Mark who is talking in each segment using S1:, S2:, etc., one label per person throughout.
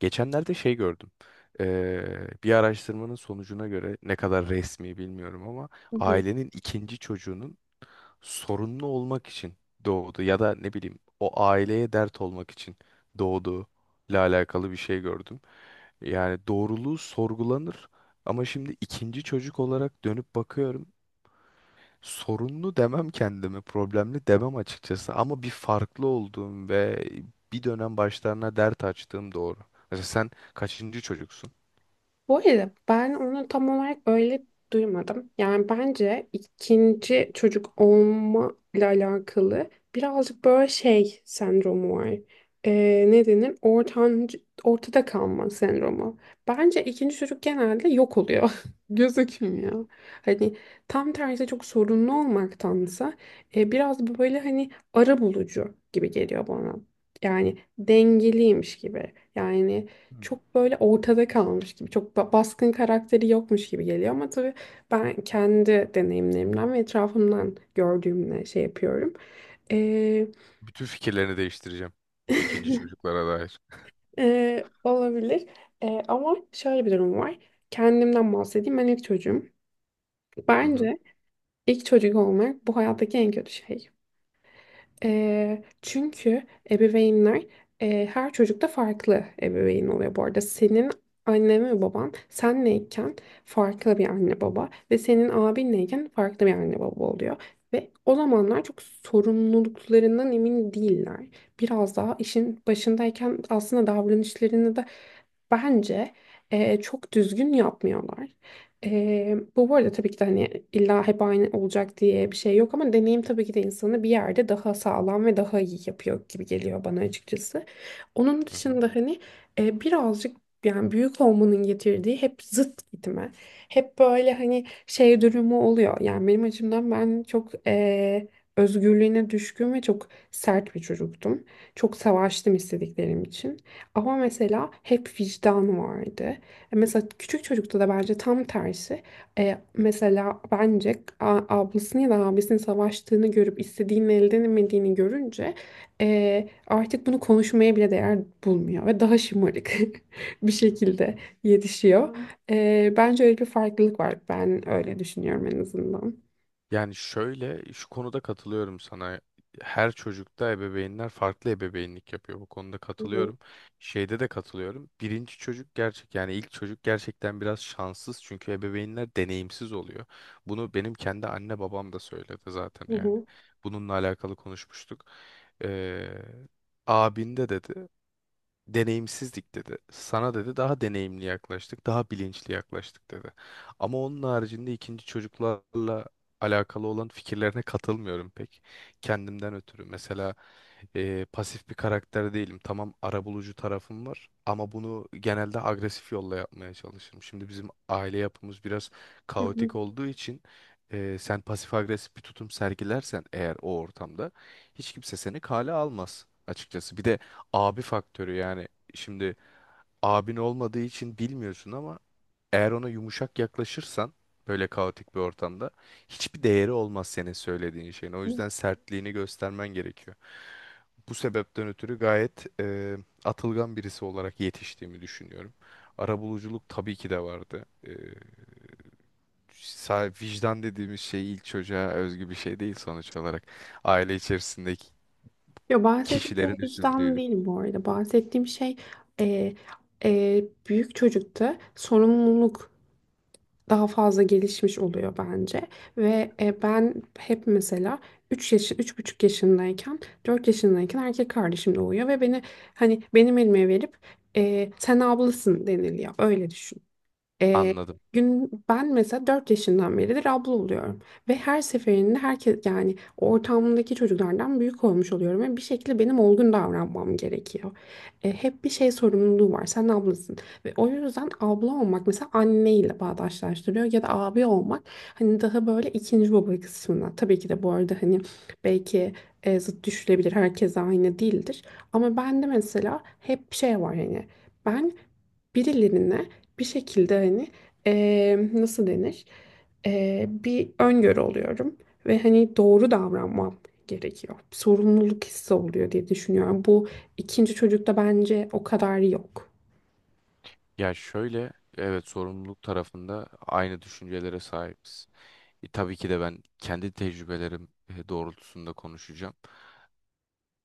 S1: Geçenlerde şey gördüm. Bir araştırmanın sonucuna göre ne kadar resmi bilmiyorum ama
S2: Hı hı.
S1: ailenin ikinci çocuğunun sorunlu olmak için doğdu ya da ne bileyim o aileye dert olmak için doğduğu ile alakalı bir şey gördüm. Yani doğruluğu sorgulanır ama şimdi ikinci çocuk olarak dönüp bakıyorum. Sorunlu demem kendimi, problemli demem açıkçası ama bir farklı olduğum ve bir dönem başlarına dert açtığım doğru. Mesela sen kaçıncı çocuksun?
S2: Bu arada ben onu tam olarak öyle duymadım. Yani bence ikinci çocuk olma ile alakalı birazcık böyle şey sendromu var. Ne denir? Ortancı, ortada kalma sendromu. Bence ikinci çocuk genelde yok oluyor. Gözükmüyor. Hani tam tersi çok sorunlu olmaktansa biraz böyle hani ara bulucu gibi geliyor bana. Yani dengeliymiş gibi. Yani
S1: Hmm.
S2: çok böyle ortada kalmış gibi, çok baskın karakteri yokmuş gibi geliyor ama tabii ben kendi deneyimlerimden ve etrafımdan gördüğümle şey yapıyorum. Ee,
S1: Bütün fikirlerini değiştireceğim ikinci çocuklara dair.
S2: Olabilir. Ama şöyle bir durum var. Kendimden bahsedeyim. Ben ilk çocuğum.
S1: Hı hı.
S2: Bence ilk çocuk olmak bu hayattaki en kötü şey. Çünkü ebeveynler her çocukta farklı ebeveyn oluyor bu arada. Senin annen ve baban senleyken farklı bir anne baba ve senin abinleyken farklı bir anne baba oluyor. Ve o zamanlar çok sorumluluklarından emin değiller. Biraz daha işin başındayken aslında davranışlarını da bence çok düzgün yapmıyorlar. Bu arada tabii ki de hani illa hep aynı olacak diye bir şey yok ama deneyim tabii ki de insanı bir yerde daha sağlam ve daha iyi yapıyor gibi geliyor bana açıkçası. Onun
S1: Hı hı.
S2: dışında hani birazcık yani büyük olmanın getirdiği hep zıt gitme. Hep böyle hani şey durumu oluyor. Yani benim açımdan ben çok özgürlüğüne düşkün ve çok sert bir çocuktum. Çok savaştım istediklerim için. Ama mesela hep vicdan vardı. Mesela küçük çocukta da bence tam tersi. Mesela bence ablasını ya da abisinin savaştığını görüp istediğini elde edemediğini görünce artık bunu konuşmaya bile değer bulmuyor ve daha şımarık bir şekilde yetişiyor. Bence öyle bir farklılık var. Ben öyle düşünüyorum en azından.
S1: Yani şöyle şu konuda katılıyorum sana. Her çocukta ebeveynler farklı ebeveynlik yapıyor. Bu konuda
S2: Hı hı.
S1: katılıyorum. Şeyde de katılıyorum. Birinci çocuk gerçek yani ilk çocuk gerçekten biraz şanssız çünkü ebeveynler deneyimsiz oluyor. Bunu benim kendi anne babam da söyledi zaten
S2: Hı
S1: yani.
S2: hı.
S1: Bununla alakalı konuşmuştuk. Ee, Abinde dedi deneyimsizdik dedi. Sana dedi daha deneyimli yaklaştık, daha bilinçli yaklaştık dedi. Ama onun haricinde ikinci çocuklarla alakalı olan fikirlerine katılmıyorum pek. Kendimden ötürü. Mesela pasif bir karakter değilim. Tamam arabulucu tarafım var ama bunu genelde agresif yolla yapmaya çalışırım. Şimdi bizim aile yapımız biraz
S2: Hı hı.
S1: kaotik olduğu için sen pasif agresif bir tutum sergilersen eğer o ortamda hiç kimse seni kale almaz açıkçası. Bir de abi faktörü yani şimdi abin olmadığı için bilmiyorsun ama eğer ona yumuşak yaklaşırsan böyle kaotik bir ortamda hiçbir değeri olmaz senin söylediğin şeyin. O
S2: Hı.
S1: yüzden sertliğini göstermen gerekiyor. Bu sebepten ötürü gayet atılgan birisi olarak yetiştiğimi düşünüyorum. Arabuluculuk tabii ki de vardı. Vicdan dediğimiz şey ilk çocuğa özgü bir şey değil sonuç olarak. Aile içerisindeki
S2: Yo, bahsettiğim şey
S1: kişilerin
S2: vicdan
S1: üzüldüğünü
S2: değil bu arada. Bahsettiğim şey e, büyük çocukta sorumluluk daha fazla gelişmiş oluyor bence. Ve ben hep mesela 3 yaş, 3,5 yaşındayken, 4 yaşındayken erkek kardeşim doğuyor ve beni hani benim elime verip sen ablasın deniliyor. Öyle düşün. Ee,
S1: anladım.
S2: Gün ben mesela 4 yaşından beridir abla oluyorum ve her seferinde herkes yani ortamdaki çocuklardan büyük olmuş oluyorum ve bir şekilde benim olgun davranmam gerekiyor. Hep bir şey sorumluluğu var. Sen ablasın ve o yüzden abla olmak mesela anneyle bağdaşlaştırıyor ya da abi olmak hani daha böyle ikinci baba kısmına. Tabii ki de bu arada hani belki zıt düşülebilir. Herkes aynı değildir. Ama ben de mesela hep şey var hani ben birilerine bir şekilde hani nasıl denir? Bir öngörü oluyorum ve hani doğru davranmam gerekiyor. Sorumluluk hissi oluyor diye düşünüyorum. Bu ikinci çocukta bence o kadar yok.
S1: Ya şöyle, evet sorumluluk tarafında aynı düşüncelere sahibiz. Tabii ki de ben kendi tecrübelerim doğrultusunda konuşacağım.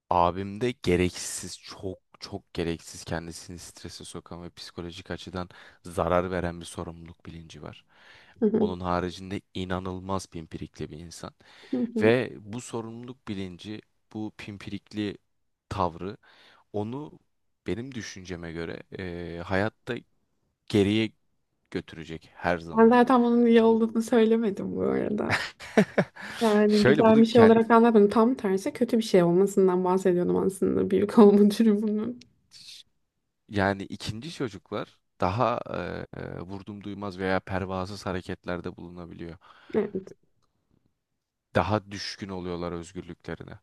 S1: Abimde gereksiz, çok çok gereksiz kendisini strese sokan ve psikolojik açıdan zarar veren bir sorumluluk bilinci var.
S2: Hı hı,
S1: Onun haricinde inanılmaz pimpirikli bir insan.
S2: hı hı.
S1: Ve bu sorumluluk bilinci, bu pimpirikli tavrı onu benim düşünceme göre hayatta geriye götürecek her
S2: Ben
S1: zaman.
S2: zaten bunun iyi
S1: Bunu
S2: olduğunu söylemedim bu arada. Yani
S1: Şöyle
S2: güzel
S1: bunu
S2: bir şey
S1: kent
S2: olarak anlatmadım. Tam tersi kötü bir şey olmasından bahsediyordum aslında büyük olma durumunun.
S1: yani ikinci çocuklar daha vurdum duymaz veya pervasız hareketlerde bulunabiliyor. Daha düşkün oluyorlar özgürlüklerine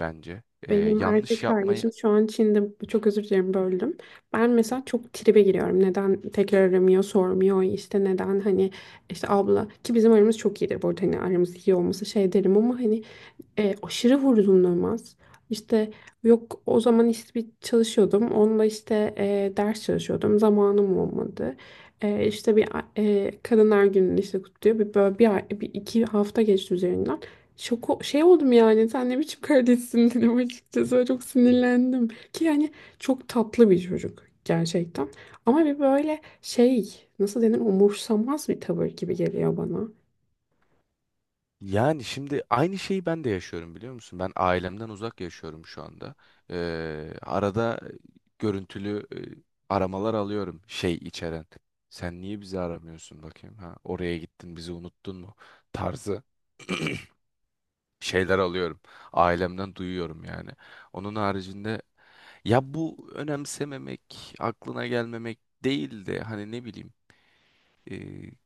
S1: bence.
S2: Benim
S1: Yanlış
S2: erkek
S1: yapmayı.
S2: kardeşim şu an Çin'de, çok özür dilerim böldüm. Ben
S1: Hı.
S2: mesela çok tribe giriyorum. Neden tekrar aramıyor, sormuyor, işte neden hani işte abla ki bizim aramız çok iyidir bu arada hani aramız iyi olması şey derim ama hani aşırı vurdumlanmaz. İşte yok o zaman işte bir çalışıyordum. Onunla işte ders çalışıyordum. Zamanım olmadı. İşte bir kadınlar gününü işte kutluyor. Bir, böyle bir, bir iki hafta geçti üzerinden. Şoko şey oldum yani sen ne biçim kardeşsin dedim açıkçası. Böyle çok sinirlendim ki yani çok tatlı bir çocuk gerçekten ama bir böyle şey nasıl denir umursamaz bir tavır gibi geliyor bana.
S1: Yani şimdi aynı şeyi ben de yaşıyorum biliyor musun? Ben ailemden uzak yaşıyorum şu anda. Arada görüntülü aramalar alıyorum şey içeren. Sen niye bizi aramıyorsun bakayım ha? Oraya gittin bizi unuttun mu? Tarzı şeyler alıyorum. Ailemden duyuyorum yani. Onun haricinde ya bu önemsememek, aklına gelmemek değil de hani ne bileyim e,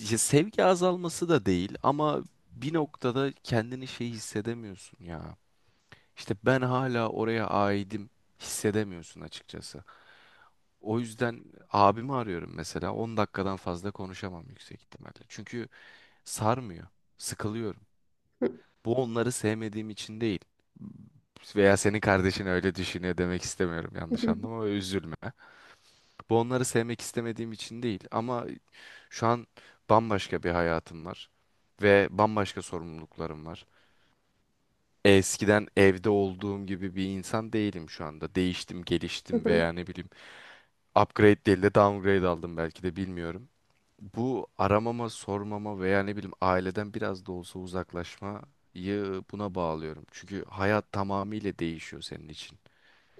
S1: ya sevgi azalması da değil ama bir noktada kendini şey hissedemiyorsun ya. İşte ben hala oraya aidim hissedemiyorsun açıkçası. O yüzden abimi arıyorum mesela. 10 dakikadan fazla konuşamam yüksek ihtimalle. Çünkü sarmıyor, sıkılıyorum. Bu onları sevmediğim için değil. Veya senin kardeşin öyle düşünüyor demek istemiyorum, yanlış anlama ve üzülme. Bu onları sevmek istemediğim için değil ama şu an bambaşka bir hayatım var ve bambaşka sorumluluklarım var. Eskiden evde olduğum gibi bir insan değilim şu anda. Değiştim, geliştim veya ne bileyim upgrade değil de downgrade aldım belki de bilmiyorum. Bu aramama, sormama veya ne bileyim aileden biraz da olsa uzaklaşmayı buna bağlıyorum. Çünkü hayat tamamıyla değişiyor senin için.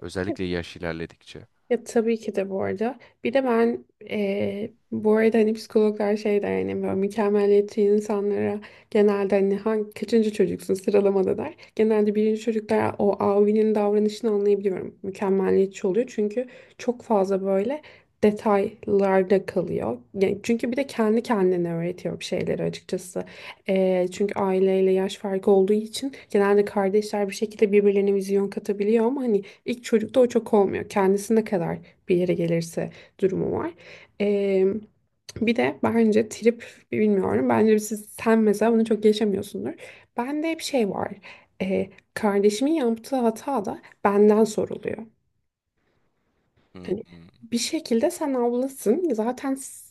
S1: Özellikle yaş ilerledikçe.
S2: Ya tabii ki de bu arada. Bir de ben bu arada hani psikologlar şey der hani böyle mükemmeliyetçi insanlara genelde hani hangi, kaçıncı çocuksun sıralamada der. Genelde birinci çocuklar o avinin davranışını anlayabiliyorum. Mükemmeliyetçi oluyor çünkü çok fazla böyle detaylarda kalıyor. Yani çünkü bir de kendi kendine öğretiyor bir şeyleri açıkçası. Çünkü aileyle yaş farkı olduğu için genelde kardeşler bir şekilde birbirlerine vizyon katabiliyor ama hani İlk çocukta o çok olmuyor. Kendisi ne kadar bir yere gelirse durumu var. Ee, Bir de bence trip bilmiyorum. Bence siz, sen mesela bunu çok yaşamıyorsundur. Bende hep şey var. Kardeşimin yaptığı hata da benden soruluyor.
S1: Hı
S2: Hani
S1: hı,
S2: bir şekilde sen ablasın. Zaten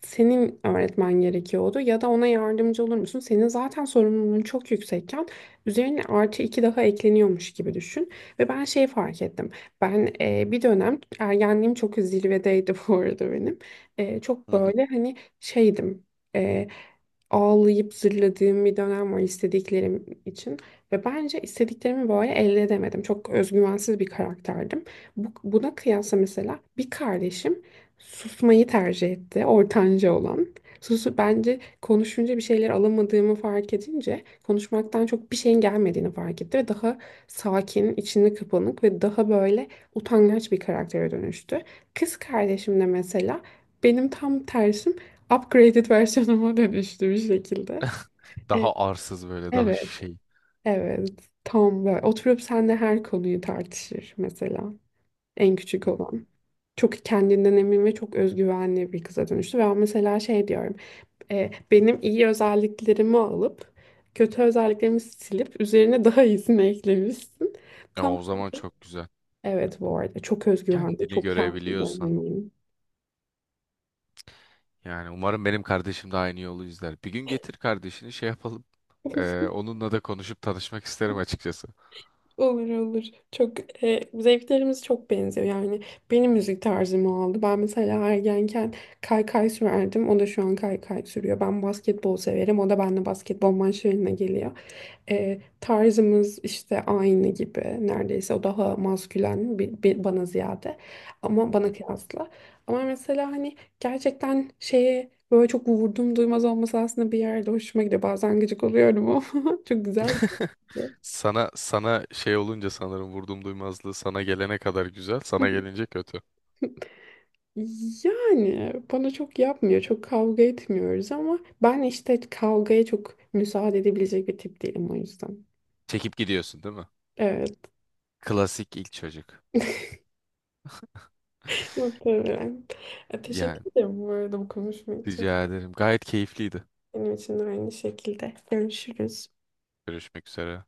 S2: senin öğretmen gerekiyordu ya da ona yardımcı olur musun? Senin zaten sorumluluğun çok yüksekken üzerine artı iki daha ekleniyormuş gibi düşün. Ve ben şey fark ettim. Ben bir dönem ergenliğim çok zirvedeydi bu arada benim. Çok
S1: hı hı.
S2: böyle hani şeydim. E, Ağlayıp zırladığım bir dönem var istediklerim için ve bence istediklerimi böyle elde edemedim. Çok özgüvensiz bir karakterdim. Buna kıyasla mesela bir kardeşim susmayı tercih etti. Ortanca olan. Susu bence konuşunca bir şeyler alamadığımı fark edince konuşmaktan çok bir şeyin gelmediğini fark etti ve daha sakin, içine kapanık ve daha böyle utangaç bir karaktere dönüştü. Kız kardeşim de mesela benim tam tersim upgraded versiyonuma dönüştü bir şekilde. E,
S1: Daha arsız böyle, daha
S2: Evet,
S1: şey.
S2: evet. Tam böyle oturup seninle her konuyu tartışır mesela en
S1: Hı.
S2: küçük
S1: Hı.
S2: olan çok kendinden emin ve çok özgüvenli bir kıza dönüştü. Ve ben mesela şey diyorum, benim iyi özelliklerimi alıp kötü özelliklerimi silip üzerine daha iyisini eklemişsin.
S1: Ya
S2: Tam.
S1: o zaman çok güzel.
S2: Evet bu arada çok özgüvenli,
S1: Kendini
S2: çok kendinden
S1: görebiliyorsan.
S2: emin.
S1: Yani umarım benim kardeşim de aynı yolu izler. Bir gün getir kardeşini şey yapalım. Onunla da konuşup tanışmak isterim açıkçası.
S2: Olur olur. Çok zevklerimiz çok benziyor. Yani benim müzik tarzımı aldı. Ben mesela ergenken kaykay sürerdim. O da şu an kaykay sürüyor. Ben basketbol severim. O da benimle basketbol maçlarına geliyor. Tarzımız işte aynı gibi neredeyse o daha maskülen bir, bir bana ziyade ama
S1: Hı.
S2: bana kıyasla ama mesela hani gerçekten şeye böyle çok vurdum duymaz olması aslında bir yerde hoşuma gidiyor bazen gıcık oluyorum ama çok güzel bir şey.
S1: Sana şey olunca sanırım vurdum duymazlığı sana gelene kadar güzel, sana gelince kötü.
S2: Yani bana çok yapmıyor, çok kavga etmiyoruz ama ben işte kavgaya çok müsaade edebilecek bir tip değilim o yüzden.
S1: Çekip gidiyorsun değil mi?
S2: Evet,
S1: Klasik ilk çocuk.
S2: muhtemelen.
S1: Yani
S2: Teşekkür ederim bu arada bu konuşma
S1: rica
S2: için.
S1: ederim. Gayet keyifliydi.
S2: Benim için de aynı şekilde. Görüşürüz.
S1: Görüşmek üzere.